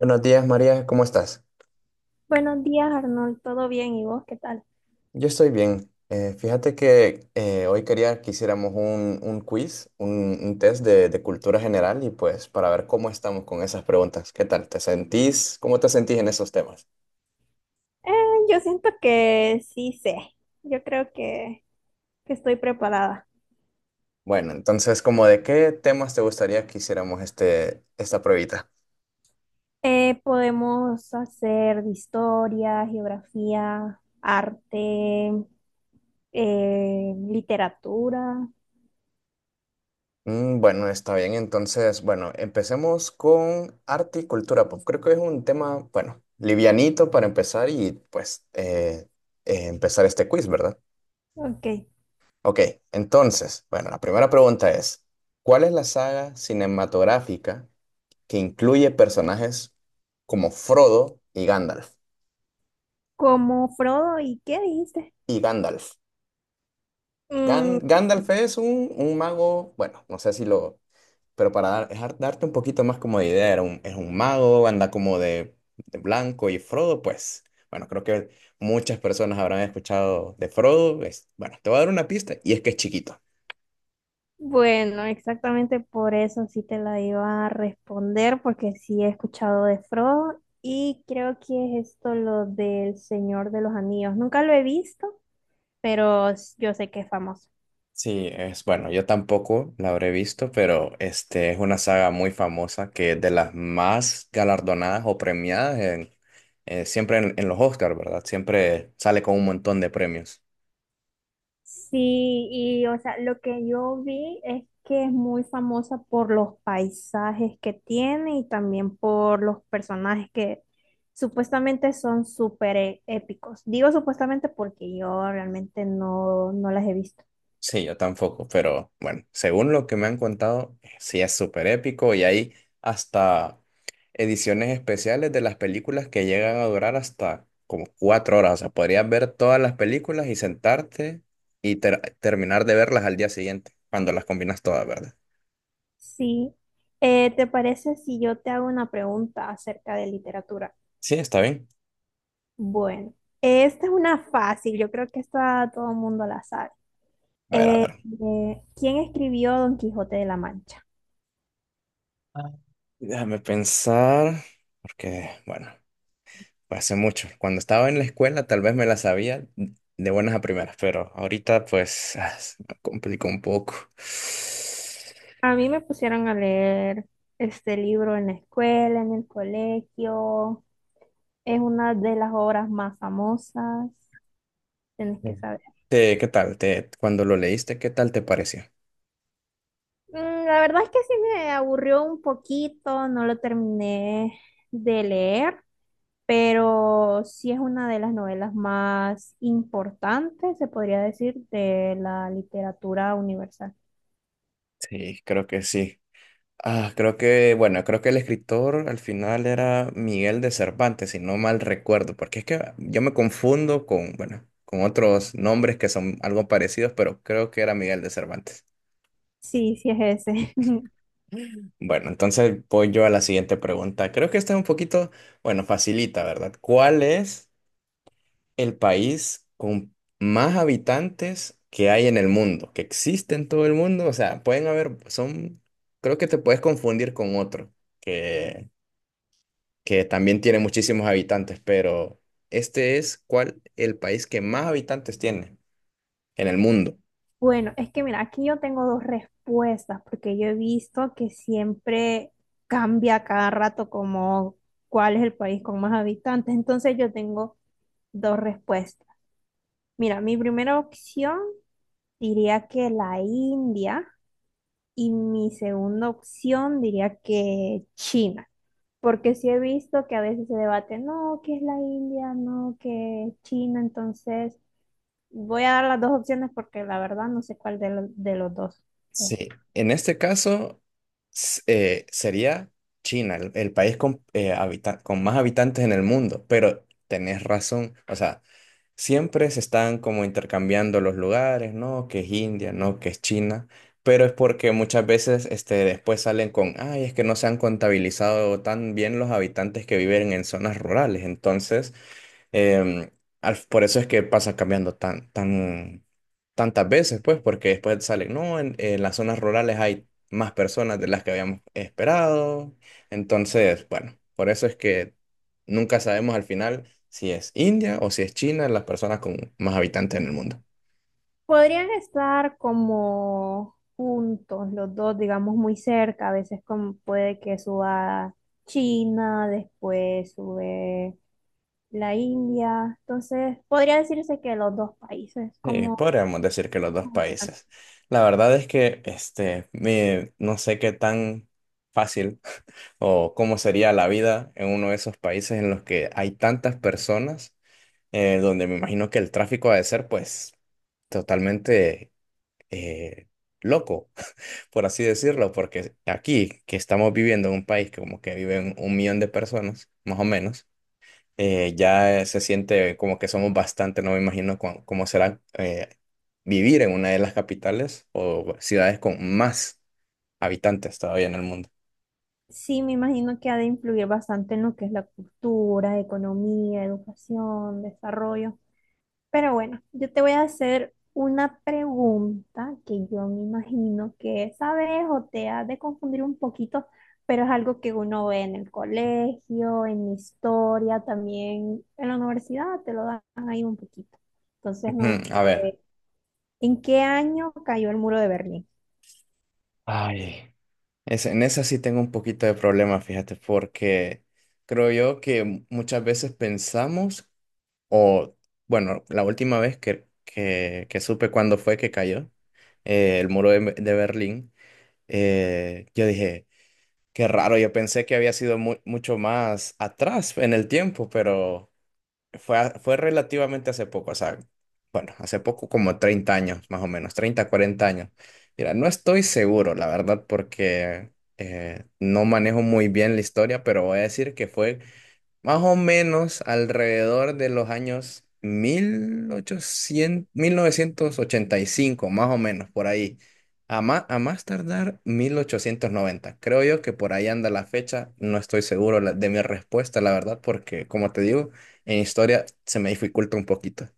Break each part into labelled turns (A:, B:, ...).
A: Buenos días, María, ¿cómo estás?
B: Buenos días, Arnold. ¿Todo bien? ¿Y vos qué tal?
A: Yo estoy bien. Fíjate que hoy quería que hiciéramos un quiz, un test de cultura general y pues para ver cómo estamos con esas preguntas. ¿Qué tal? ¿Te sentís? ¿Cómo te sentís en esos temas?
B: Eh, yo siento que sí sé. Yo creo que estoy preparada.
A: Bueno, entonces, ¿como de qué temas te gustaría que hiciéramos esta pruebita?
B: Podemos hacer de historia, geografía, arte, literatura.
A: Mm, bueno, está bien. Entonces, bueno, empecemos con arte y cultura pop. Creo que es un tema, bueno, livianito para empezar y pues empezar este quiz, ¿verdad?
B: Ok.
A: Ok, entonces, bueno, la primera pregunta es, ¿cuál es la saga cinematográfica que incluye personajes como Frodo y Gandalf?
B: ¿Como Frodo y qué dijiste?
A: Y Gandalf.
B: Mm,
A: Gandalf es un mago, bueno, no sé si lo, pero para darte un poquito más como de idea, es un mago, anda como de blanco y Frodo, pues, bueno, creo que muchas personas habrán escuchado de Frodo. Bueno, te voy a dar una pista y es que es chiquito.
B: bueno, exactamente por eso sí te la iba a responder, porque sí he escuchado de Frodo y creo que es esto lo del Señor de los Anillos. Nunca lo he visto, pero s- yo sé que es famoso.
A: Sí, es bueno, yo tampoco la habré visto, pero este es una saga muy famosa que es de las más galardonadas o premiadas en, siempre en los Oscars, ¿verdad? Siempre sale con un montón de premios.
B: Sí, y o sea, lo que yo vi es que es muy famosa por los paisajes que tiene y también por los personajes que supuestamente son súper e- épicos. Digo supuestamente porque yo realmente no las he visto.
A: Sí, yo tampoco, pero bueno, según lo que me han contado, sí es súper épico y hay hasta ediciones especiales de las películas que llegan a durar hasta como 4 horas. O sea, podrías ver todas las películas y sentarte y terminar de verlas al día siguiente, cuando las combinas todas, ¿verdad?
B: Sí. ¿Te parece si yo te hago una pregunta acerca de literatura?
A: Sí, está bien.
B: Bueno, esta es una fácil, yo creo que esta todo el mundo la sabe.
A: A ver, a
B: Eh,
A: ver.
B: ¿Quién escribió Don Quijote de la Mancha?
A: Ah, déjame pensar, porque, bueno, fue hace mucho. Cuando estaba en la escuela, tal vez me la sabía de buenas a primeras, pero ahorita pues ah, se me complicó un poco.
B: A mí me pusieron a leer este libro en la escuela, en el colegio. Es una de las obras más famosas, tienes que
A: Mm.
B: saber.
A: ¿Qué tal te, cuando lo leíste, qué tal te pareció?
B: Mm, la verdad es que sí me aburrió un poquito, no lo terminé de leer, pero sí es una de las novelas más importantes, se podría decir, de la literatura universal.
A: Sí, creo que sí. Ah, creo que, bueno, creo que el escritor al final era Miguel de Cervantes, si no mal recuerdo, porque es que yo me confundo con, bueno, con otros nombres que son algo parecidos, pero creo que era Miguel de Cervantes.
B: Sí, sí es ese.
A: Bueno, entonces voy yo a la siguiente pregunta. Creo que esta es un poquito, bueno, facilita, ¿verdad? ¿Cuál es el país con más habitantes que hay en el mundo, que existe en todo el mundo? O sea, pueden haber, son, creo que te puedes confundir con otro, que, que también tiene muchísimos habitantes, pero este es cuál el país que más habitantes tiene en el mundo.
B: Bueno, es que mira, aquí yo tengo dos respuestas, porque yo he visto que siempre cambia a cada rato como cuál es el país con más habitantes, entonces yo tengo dos respuestas. Mira, mi primera opción diría que la India y mi segunda opción diría que China, porque sí he visto que a veces se debate, no, que es la India, no, que es China, entonces voy a dar las dos opciones porque la verdad no sé cuál de, lo- de los dos
A: Sí,
B: es.
A: en este caso sería China, el país con, con más habitantes en el mundo, pero tenés razón, o sea, siempre se están como intercambiando los lugares, ¿no? Que es India, ¿no? Que es China, pero es porque muchas veces este, después salen con, ay, es que no se han contabilizado tan bien los habitantes que viven en zonas rurales, entonces Em, por eso es que pasa cambiando tantas veces, pues, porque después salen, no, en las zonas rurales hay más personas de las que habíamos esperado. Entonces, bueno, por eso es que nunca sabemos al final si es India o si es China las personas con más habitantes en el mundo.
B: Podrían estar como juntos los dos, digamos muy cerca, a veces como puede que suba China, después sube la India. Entonces, podría decirse que los dos países,
A: Sí,
B: como
A: podríamos decir que los dos países. La verdad es que este, no sé qué tan fácil o cómo sería la vida en uno de esos países en los que hay tantas personas, donde me imagino que el tráfico ha de ser pues totalmente eh, loco, por así decirlo, porque aquí que estamos viviendo en un país que como que viven 1 millón de personas, más o menos, ya se siente como que somos bastante, no me imagino cómo será vivir en una de las capitales o ciudades con más habitantes todavía en el mundo.
B: sí, me imagino que ha de influir bastante en lo que es la cultura, economía, educación, desarrollo. Pero bueno, yo te voy a hacer una pregunta que yo me imagino que sabes o te has de confundir un poquito, pero es algo que uno ve en el colegio, en historia, también en la universidad, te lo dan ahí un poquito. Entonces,
A: Ujú, a ver.
B: ¿en qué año cayó el muro de Berlín?
A: Ay, en esa sí tengo un poquito de problema, fíjate, porque creo yo que muchas veces pensamos, o bueno, la última vez que supe cuándo fue que cayó el muro de Berlín, yo dije, qué raro, yo pensé que había sido mucho más atrás en el tiempo, pero fue, fue relativamente hace poco, o sea, bueno, hace poco como 30 años, más o menos, 30, 40 años. Mira, no estoy seguro, la verdad, porque no manejo muy bien la historia, pero voy a decir que fue más o menos alrededor de los años 1800, 1985 más o menos por ahí. A más tardar 1890. Creo yo que por ahí anda la fecha. No estoy seguro de mi respuesta, la verdad, porque como te digo, en historia se me dificulta un poquito.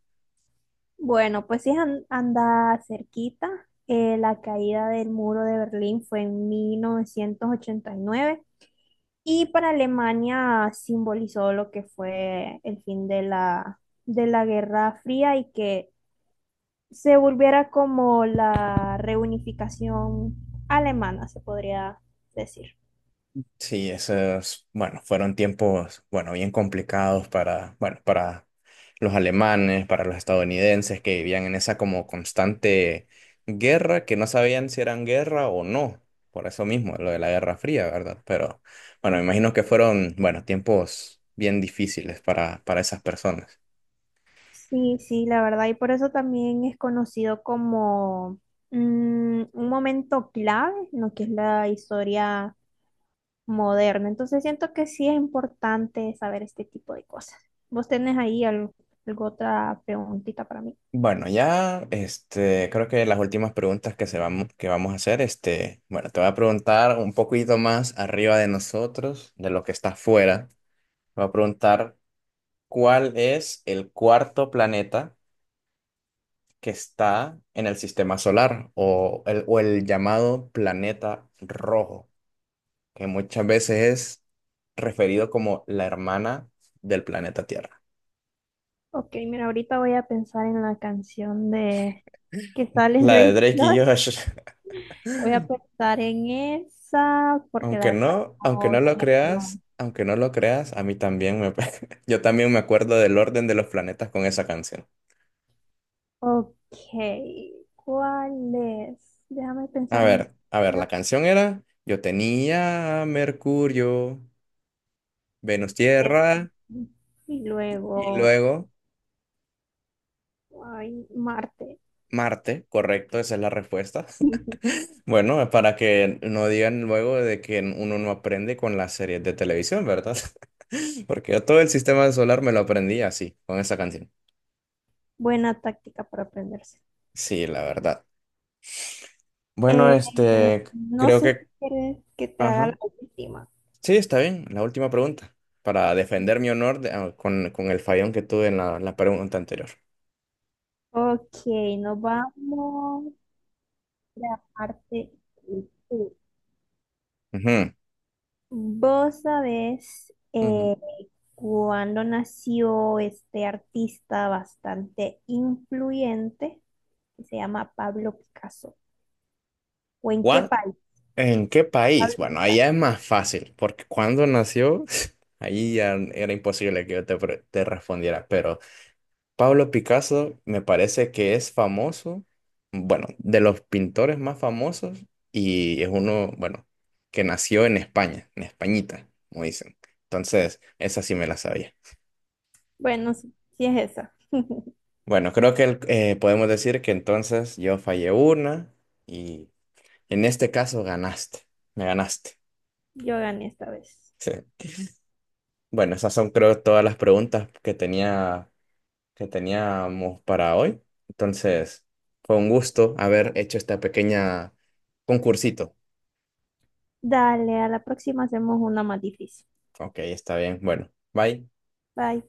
B: Bueno, pues si es an- anda cerquita, la caída del muro de Berlín fue en 1989 y para Alemania simbolizó lo que fue el fin de de la Guerra Fría y que se volviera como la reunificación alemana, se podría decir.
A: Sí, esos, bueno, fueron tiempos, bueno, bien complicados para, bueno, para los alemanes, para los estadounidenses que vivían en esa como constante guerra, que no sabían si eran guerra o no, por eso mismo, lo de la Guerra Fría, ¿verdad? Pero, bueno, me imagino que fueron, bueno, tiempos bien difíciles para esas personas.
B: Sí, sí, la verdad, y por eso también es conocido como mm, un momento clave en lo que es la historia moderna. Entonces siento que sí es importante saber este tipo de cosas. ¿Vos tenés ahí alguna otra preguntita para mí?
A: Bueno, ya, este, creo que las últimas preguntas que se vamos, que vamos a hacer, este, bueno, te voy a preguntar un poquito más arriba de nosotros, de lo que está afuera. Voy a preguntar cuál es el cuarto planeta que está en el sistema solar o o el llamado planeta rojo, que muchas veces es referido como la hermana del planeta Tierra.
B: Ok, mira, ahorita voy a pensar en la canción de que sale en
A: La de
B: Drake
A: Drake y
B: Lord.
A: Josh.
B: Voy a pensar en esa porque la verdad
A: Aunque no
B: no
A: lo
B: me acuerdo.
A: creas, aunque no lo creas, a mí también me, yo también me acuerdo del orden de los planetas con esa canción.
B: Ok, ¿cuál es? Déjame pensar en
A: A ver,
B: la
A: la
B: opción.
A: canción era: yo tenía a Mercurio, Venus, Tierra
B: Y
A: y
B: luego,
A: luego
B: ay, Marte.
A: Marte, correcto, esa es la respuesta. Bueno, para que no digan luego de que uno no aprende con las series de televisión, ¿verdad? Porque yo todo el sistema solar me lo aprendí así, con esa canción.
B: Buena táctica para aprenderse.
A: Sí, la verdad. Bueno,
B: Eh,
A: este,
B: no
A: creo
B: sé si
A: que
B: quieres que te haga
A: ajá.
B: la última.
A: Sí, está bien. La última pregunta, para defender mi honor ah, con el fallón que tuve en la pregunta anterior.
B: Ok, nos vamos a la parte última.
A: Ujú,
B: Vos sabés
A: ujú.
B: cuándo nació este artista bastante influyente que se llama Pablo Picasso. ¿O en qué
A: ¿Cuál?
B: país?
A: ¿En qué país?
B: Pablo
A: Bueno, ahí
B: Picasso.
A: ya es más fácil, porque cuando nació, ahí ya era imposible que yo te, te respondiera, pero Pablo Picasso me parece que es famoso, bueno, de los pintores más famosos y es uno, bueno, que nació en España, en Españita, como dicen. Entonces, esa sí me la sabía.
B: Bueno, sí, sí es esa.
A: Bueno, creo que podemos decir que entonces yo fallé una y en este caso ganaste, me ganaste.
B: Yo gané esta vez.
A: Sí. Bueno, esas son creo todas las preguntas que tenía, que teníamos para hoy. Entonces, fue un gusto haber hecho esta pequeña concursito.
B: Dale, a la próxima hacemos una más difícil.
A: Ok, está bien. Bueno, bye.
B: Bye.